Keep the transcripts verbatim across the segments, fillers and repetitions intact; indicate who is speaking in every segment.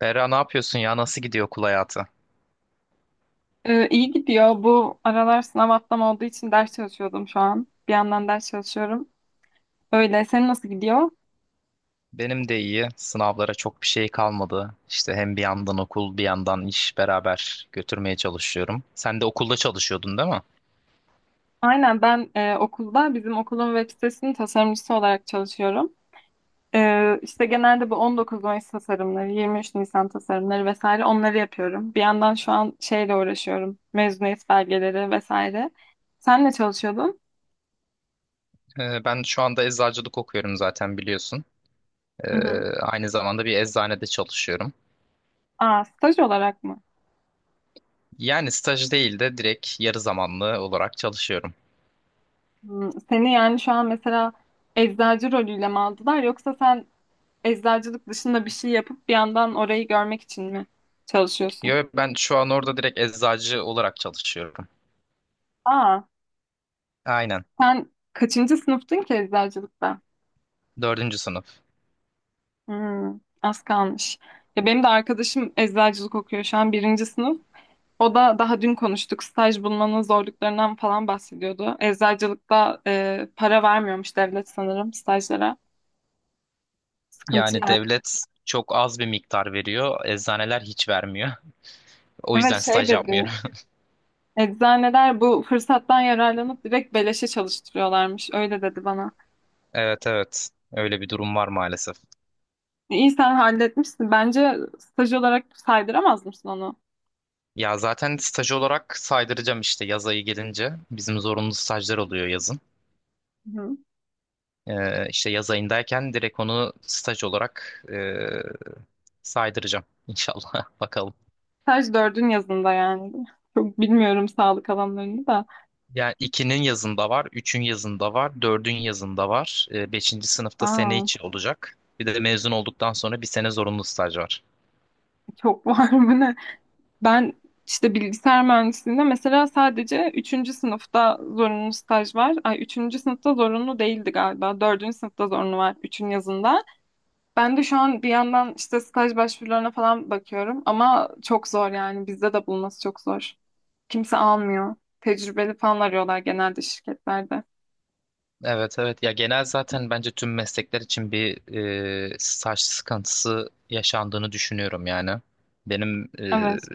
Speaker 1: Berra ne yapıyorsun ya? Nasıl gidiyor okul hayatı?
Speaker 2: Ee, iyi gidiyor. Bu aralar sınav haftam olduğu için ders çalışıyordum şu an. Bir yandan ders çalışıyorum. Öyle. Senin nasıl gidiyor?
Speaker 1: Benim de iyi. Sınavlara çok bir şey kalmadı. İşte hem bir yandan okul, bir yandan iş beraber götürmeye çalışıyorum. Sen de okulda çalışıyordun değil mi?
Speaker 2: Aynen ben e, okulda bizim okulun web sitesinin tasarımcısı olarak çalışıyorum. Ee, işte genelde bu on dokuz Mayıs tasarımları, yirmi üç Nisan tasarımları vesaire onları yapıyorum. Bir yandan şu an şeyle uğraşıyorum. Mezuniyet belgeleri vesaire. Sen ne çalışıyordun?
Speaker 1: Ee, ben şu anda eczacılık okuyorum zaten biliyorsun. Ee,
Speaker 2: Hı hı.
Speaker 1: Aynı zamanda bir eczanede çalışıyorum.
Speaker 2: Aa, staj olarak mı?
Speaker 1: Yani staj değil de direkt yarı zamanlı olarak çalışıyorum.
Speaker 2: Hmm, seni yani şu an mesela eczacı rolüyle mi aldılar yoksa sen eczacılık dışında bir şey yapıp bir yandan orayı görmek için mi çalışıyorsun?
Speaker 1: Yo, ben şu an orada direkt eczacı olarak çalışıyorum.
Speaker 2: Aa,
Speaker 1: Aynen.
Speaker 2: sen kaçıncı sınıftın ki eczacılıkta?
Speaker 1: Dördüncü sınıf.
Speaker 2: Hmm, az kalmış. Ya benim de arkadaşım eczacılık okuyor şu an birinci sınıf. O da daha dün konuştuk staj bulmanın zorluklarından falan bahsediyordu. Eczacılıkta e, para vermiyormuş devlet sanırım stajlara. Sıkıntı
Speaker 1: Yani
Speaker 2: yani.
Speaker 1: devlet çok az bir miktar veriyor. Eczaneler hiç vermiyor. O
Speaker 2: Evet
Speaker 1: yüzden
Speaker 2: şey
Speaker 1: staj
Speaker 2: dedi.
Speaker 1: yapmıyorum.
Speaker 2: Eczaneler bu fırsattan yararlanıp direkt beleşe çalıştırıyorlarmış. Öyle dedi bana.
Speaker 1: Evet evet. Öyle bir durum var maalesef.
Speaker 2: İyi sen halletmişsin. Bence staj olarak saydıramaz mısın onu?
Speaker 1: Ya zaten staj olarak saydıracağım işte yaz ayı gelince. Bizim zorunlu stajlar oluyor yazın.
Speaker 2: Hı.
Speaker 1: Ee, işte yaz ayındayken direkt onu staj olarak ee, saydıracağım inşallah. Bakalım.
Speaker 2: Staj dördün yazında yani. Çok bilmiyorum sağlık alanlarını da.
Speaker 1: Yani ikinin yazında var, üçün yazında var, dördün yazında var. Ee, beşinci sınıfta sene
Speaker 2: Aa,
Speaker 1: içi olacak. Bir de mezun olduktan sonra bir sene zorunlu staj var.
Speaker 2: çok var mı ne? Ben işte bilgisayar mühendisliğinde mesela sadece üçüncü sınıfta zorunlu staj var. Ay üçüncü sınıfta zorunlu değildi galiba. Dördüncü sınıfta zorunlu var üçün yazında. Ben de şu an bir yandan işte staj başvurularına falan bakıyorum ama çok zor yani bizde de bulması çok zor. Kimse almıyor. Tecrübeli falan arıyorlar genelde şirketlerde.
Speaker 1: Evet evet, ya genel zaten bence tüm meslekler için bir e, staj sıkıntısı yaşandığını düşünüyorum yani. Benim e,
Speaker 2: Evet.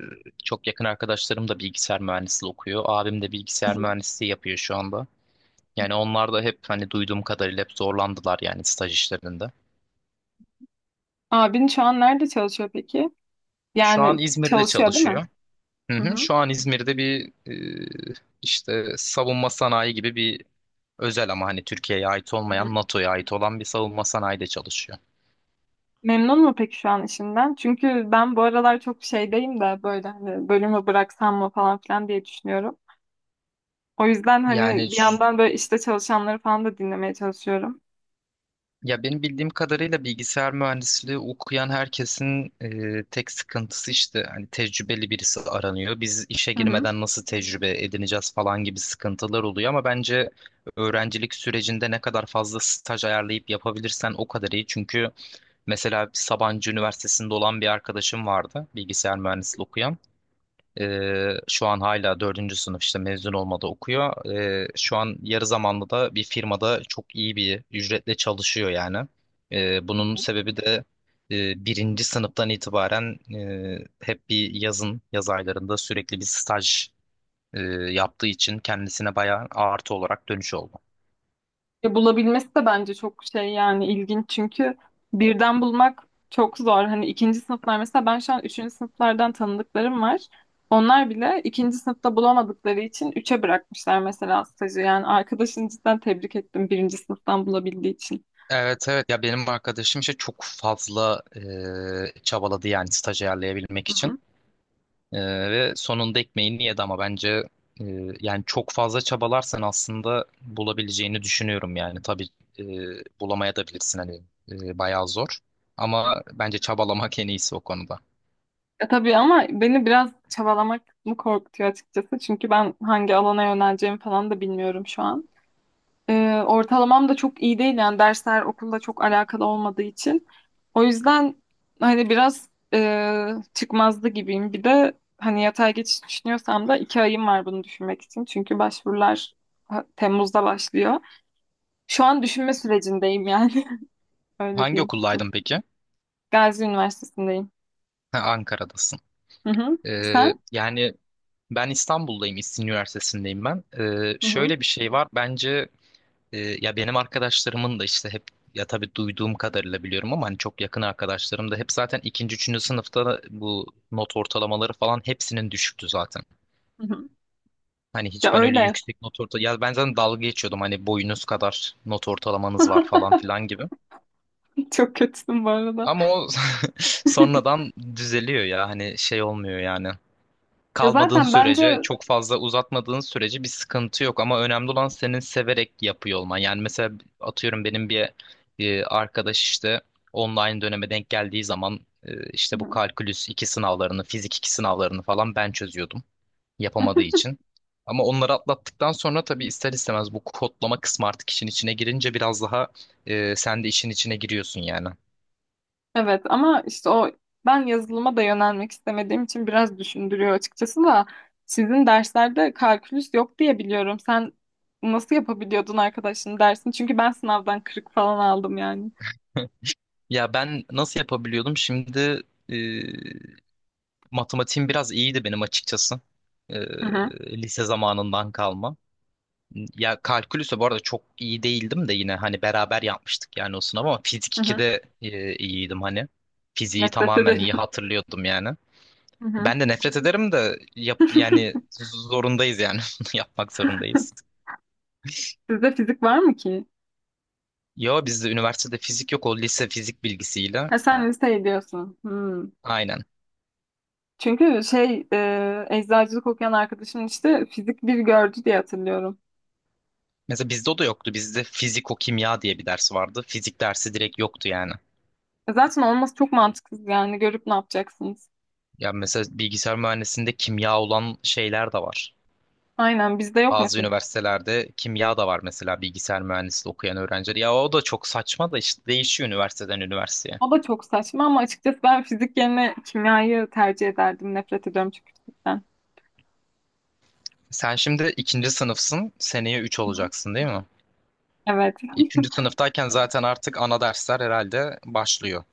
Speaker 1: çok yakın arkadaşlarım da bilgisayar mühendisliği okuyor. Abim de
Speaker 2: Hı
Speaker 1: bilgisayar
Speaker 2: hı.
Speaker 1: mühendisliği yapıyor şu anda. Yani onlar da hep hani duyduğum kadarıyla hep zorlandılar yani staj işlerinde.
Speaker 2: Abin şu an nerede çalışıyor peki?
Speaker 1: Şu an
Speaker 2: Yani
Speaker 1: İzmir'de
Speaker 2: çalışıyor değil mi?
Speaker 1: çalışıyor. Hı
Speaker 2: Hı
Speaker 1: hı,
Speaker 2: hı.
Speaker 1: şu an İzmir'de bir e, işte savunma sanayi gibi bir özel ama hani Türkiye'ye ait
Speaker 2: Hı
Speaker 1: olmayan
Speaker 2: hı.
Speaker 1: NATO'ya ait olan bir savunma sanayide çalışıyor.
Speaker 2: Memnun mu peki şu an işinden? Çünkü ben bu aralar çok şeydeyim de böyle hani bölümü bıraksam mı falan filan diye düşünüyorum. O yüzden
Speaker 1: Yani
Speaker 2: hani bir yandan böyle işte çalışanları falan da dinlemeye çalışıyorum.
Speaker 1: ya benim bildiğim kadarıyla bilgisayar mühendisliği okuyan herkesin e, tek sıkıntısı işte hani tecrübeli birisi aranıyor. Biz işe girmeden nasıl tecrübe edineceğiz falan gibi sıkıntılar oluyor ama bence öğrencilik sürecinde ne kadar fazla staj ayarlayıp yapabilirsen o kadar iyi. Çünkü mesela Sabancı Üniversitesi'nde olan bir arkadaşım vardı bilgisayar mühendisliği okuyan. Ee, şu an hala dördüncü sınıf işte mezun olmadı okuyor. Ee, şu an yarı zamanlı da bir firmada çok iyi bir ücretle çalışıyor yani. Ee, bunun sebebi de e, birinci sınıftan itibaren e, hep bir yazın, yaz aylarında sürekli bir staj e, yaptığı için kendisine bayağı artı olarak dönüş oldu.
Speaker 2: Ya bulabilmesi de bence çok şey yani ilginç çünkü birden bulmak çok zor. Hani ikinci sınıflar mesela ben şu an üçüncü sınıflardan tanıdıklarım var. Onlar bile ikinci sınıfta bulamadıkları için üçe bırakmışlar mesela stajı. Yani arkadaşını cidden tebrik ettim birinci sınıftan bulabildiği için.
Speaker 1: Evet evet, ya benim arkadaşım işte çok fazla e, çabaladı yani staj ayarlayabilmek
Speaker 2: Hı
Speaker 1: için.
Speaker 2: hı.
Speaker 1: Ee, ve sonunda ekmeğini yedi ama bence e, yani çok fazla çabalarsan aslında bulabileceğini düşünüyorum yani. Tabii e, bulamaya da bilirsin hani e, bayağı zor. Ama bence çabalamak en iyisi o konuda.
Speaker 2: E tabii ama beni biraz çabalamak mı korkutuyor açıkçası. Çünkü ben hangi alana yöneleceğimi falan da bilmiyorum şu an. Ee, ortalamam da çok iyi değil yani dersler okulla çok alakalı olmadığı için. O yüzden hani biraz e, çıkmazdı gibiyim. Bir de hani yatay geçiş düşünüyorsam da iki ayım var bunu düşünmek için. Çünkü başvurular ha- Temmuz'da başlıyor. Şu an düşünme sürecindeyim yani. Öyle
Speaker 1: Hangi
Speaker 2: diyeyim. Çok
Speaker 1: okuldaydın peki?
Speaker 2: Gazi Üniversitesi'ndeyim.
Speaker 1: Ha, Ankara'dasın.
Speaker 2: Hı hı.
Speaker 1: Ee,
Speaker 2: Sen?
Speaker 1: yani ben İstanbul'dayım, İstinye Üniversitesi'ndeyim ben. Ee,
Speaker 2: Hı hı.
Speaker 1: şöyle bir şey var bence. Ee, ya benim arkadaşlarımın da işte hep ya tabii duyduğum kadarıyla biliyorum ama hani çok yakın arkadaşlarım da hep zaten ikinci, üçüncü sınıfta da bu not ortalamaları falan hepsinin düşüktü zaten.
Speaker 2: Hı hı.
Speaker 1: Hani
Speaker 2: Ya
Speaker 1: hiç ben öyle
Speaker 2: öyle.
Speaker 1: yüksek not orta, ya ben zaten dalga geçiyordum hani boyunuz kadar not ortalamanız var falan filan gibi.
Speaker 2: Çok kötüsün bu arada.
Speaker 1: Ama o sonradan düzeliyor ya, hani şey olmuyor yani.
Speaker 2: Ya
Speaker 1: Kalmadığın
Speaker 2: zaten
Speaker 1: sürece,
Speaker 2: bence.
Speaker 1: çok fazla uzatmadığın sürece bir sıkıntı yok. Ama önemli olan senin severek yapıyor olman. Yani mesela atıyorum benim bir e, arkadaş işte online döneme denk geldiği zaman e, işte bu
Speaker 2: Hı
Speaker 1: kalkülüs iki sınavlarını, fizik iki sınavlarını falan ben çözüyordum yapamadığı
Speaker 2: hı.
Speaker 1: için. Ama onları atlattıktan sonra tabii ister istemez bu kodlama kısmı artık işin içine girince biraz daha e, sen de işin içine giriyorsun yani.
Speaker 2: Evet ama işte o ben yazılıma da yönelmek istemediğim için biraz düşündürüyor açıkçası da sizin derslerde kalkülüs yok diye biliyorum. Sen nasıl yapabiliyordun arkadaşın dersini? Çünkü ben sınavdan kırık falan aldım yani.
Speaker 1: Ya ben nasıl yapabiliyordum? Şimdi e, matematiğim biraz iyiydi benim açıkçası.
Speaker 2: Hı hı,
Speaker 1: Ee, Lise zamanından kalma. Ya kalkülüse bu arada çok iyi değildim de yine hani beraber yapmıştık yani o sınavı ama fizik
Speaker 2: hı hı.
Speaker 1: ikide e, iyiydim hani. Fiziği
Speaker 2: Nefret
Speaker 1: tamamen iyi
Speaker 2: ederim.
Speaker 1: hatırlıyordum yani.
Speaker 2: Hı hı.
Speaker 1: Ben de nefret ederim de yap, yani zorundayız yani bunu yapmak zorundayız.
Speaker 2: Sizde fizik var mı ki?
Speaker 1: Yo bizde üniversitede fizik yok, o lise fizik bilgisiyle.
Speaker 2: Ha sen liseyi diyorsun. Hmm.
Speaker 1: Aynen.
Speaker 2: Çünkü şey e, eczacılık okuyan arkadaşım işte fizik bir gördü diye hatırlıyorum.
Speaker 1: Mesela bizde o da yoktu. Bizde fiziko kimya diye bir ders vardı. Fizik dersi direkt yoktu yani.
Speaker 2: E zaten olması çok mantıksız yani görüp ne yapacaksınız?
Speaker 1: Ya mesela bilgisayar mühendisliğinde kimya olan şeyler de var.
Speaker 2: Aynen bizde yok
Speaker 1: Bazı
Speaker 2: mesela.
Speaker 1: üniversitelerde kimya da var mesela bilgisayar mühendisliği okuyan öğrenciler. Ya o da çok saçma da işte değişiyor üniversiteden üniversiteye.
Speaker 2: O da çok saçma ama açıkçası ben fizik yerine kimyayı tercih ederdim. Nefret ediyorum çünkü fizikten.
Speaker 1: Sen şimdi ikinci sınıfsın, seneye üç
Speaker 2: Hı hı.
Speaker 1: olacaksın değil mi?
Speaker 2: Evet.
Speaker 1: Üçüncü sınıftayken zaten artık ana dersler herhalde başlıyor.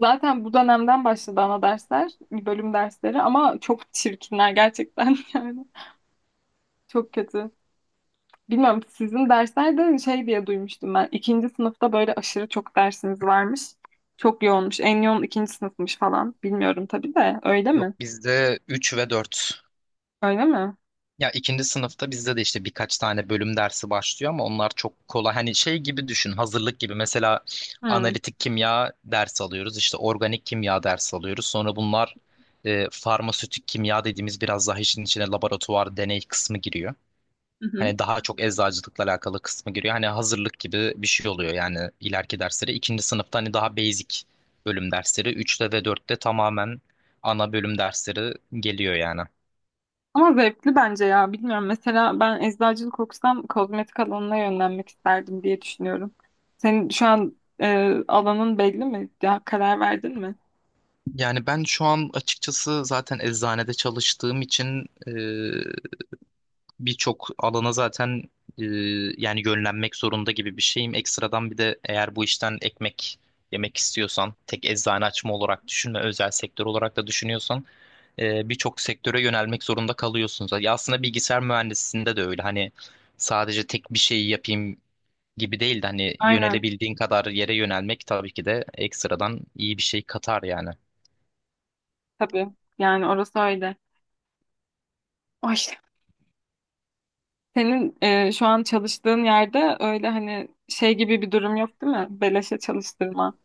Speaker 2: Zaten bu dönemden başladı ana dersler, bölüm dersleri ama çok çirkinler gerçekten yani. Çok kötü. Bilmiyorum sizin dersler de şey diye duymuştum ben. İkinci sınıfta böyle aşırı çok dersiniz varmış. Çok yoğunmuş. En yoğun ikinci sınıfmış falan. Bilmiyorum tabii de. Öyle
Speaker 1: Yok,
Speaker 2: mi?
Speaker 1: bizde üç ve dört.
Speaker 2: Öyle mi?
Speaker 1: Ya ikinci sınıfta bizde de işte birkaç tane bölüm dersi başlıyor ama onlar çok kolay. Hani şey gibi düşün, hazırlık gibi. Mesela
Speaker 2: Hı.
Speaker 1: analitik kimya dersi alıyoruz, işte organik kimya dersi alıyoruz. Sonra bunlar e, farmasötik kimya dediğimiz biraz daha işin içine laboratuvar deney kısmı giriyor.
Speaker 2: Hı hı.
Speaker 1: Hani daha çok eczacılıkla alakalı kısmı giriyor. Hani hazırlık gibi bir şey oluyor yani ileriki dersleri. İkinci sınıfta hani daha basic bölüm dersleri. Üçte ve dörtte tamamen ana bölüm dersleri geliyor yani.
Speaker 2: Ama zevkli bence ya. Bilmiyorum. Mesela ben eczacılık okusam kozmetik alanına yönlenmek isterdim diye düşünüyorum. Senin şu an e, alanın belli mi? Ya, karar verdin mi?
Speaker 1: Yani ben şu an açıkçası zaten eczanede çalıştığım için e, birçok alana zaten e, yani yönlenmek zorunda gibi bir şeyim. Ekstradan bir de eğer bu işten ekmek yemek istiyorsan, tek eczane açma olarak düşünme, özel sektör olarak da düşünüyorsan e, birçok sektöre yönelmek zorunda kalıyorsunuz. Ya aslında bilgisayar mühendisliğinde de öyle. Hani sadece tek bir şeyi yapayım gibi değil de hani
Speaker 2: Aynen.
Speaker 1: yönelebildiğin kadar yere yönelmek tabii ki de ekstradan iyi bir şey katar yani.
Speaker 2: Tabii. Yani orası öyle. Ay, senin e, şu an çalıştığın yerde öyle hani şey gibi bir durum yok değil mi? Beleşe çalıştırma.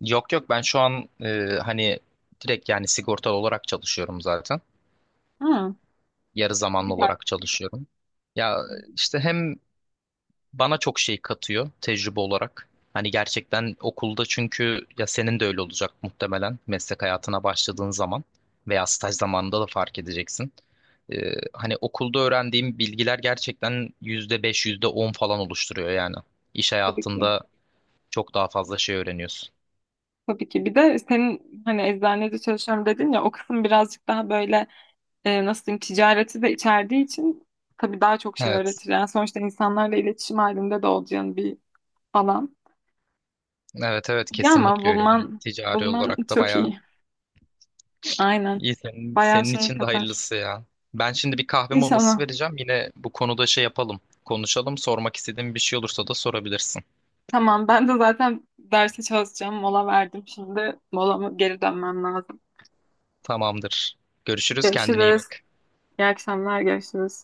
Speaker 1: Yok yok, ben şu an e, hani direkt yani sigortalı olarak çalışıyorum zaten.
Speaker 2: Hı.
Speaker 1: Yarı zamanlı
Speaker 2: Güzel.
Speaker 1: olarak çalışıyorum. Ya işte hem bana çok şey katıyor tecrübe olarak. Hani gerçekten okulda, çünkü ya senin de öyle olacak muhtemelen meslek hayatına başladığın zaman veya staj zamanında da fark edeceksin. Ee, hani okulda öğrendiğim bilgiler gerçekten yüzde beş yüzde on falan oluşturuyor yani. İş
Speaker 2: Tabii ki.
Speaker 1: hayatında çok daha fazla şey öğreniyorsun.
Speaker 2: Tabii ki. Bir de senin hani eczanede çalışıyorum dedin ya o kısım birazcık daha böyle e, nasıl diyeyim ticareti de içerdiği için tabii daha çok şey
Speaker 1: Evet.
Speaker 2: öğretir. Yani sonuçta insanlarla iletişim halinde de olacağın bir alan.
Speaker 1: Evet evet,
Speaker 2: Ya ama
Speaker 1: kesinlikle öyle yani.
Speaker 2: bulman
Speaker 1: Ticari
Speaker 2: bulman
Speaker 1: olarak da
Speaker 2: çok
Speaker 1: bayağı
Speaker 2: iyi. Aynen.
Speaker 1: İyi senin,
Speaker 2: Bayağı
Speaker 1: senin
Speaker 2: şey
Speaker 1: için de
Speaker 2: katar.
Speaker 1: hayırlısı ya. Ben şimdi bir kahve molası
Speaker 2: İnşallah.
Speaker 1: vereceğim. Yine bu konuda şey yapalım. Konuşalım. Sormak istediğin bir şey olursa da sorabilirsin.
Speaker 2: Tamam ben de zaten derse çalışacağım. Mola verdim şimdi. Molama geri dönmem lazım.
Speaker 1: Tamamdır. Görüşürüz. Kendine iyi
Speaker 2: Görüşürüz.
Speaker 1: bak.
Speaker 2: İyi akşamlar. Görüşürüz.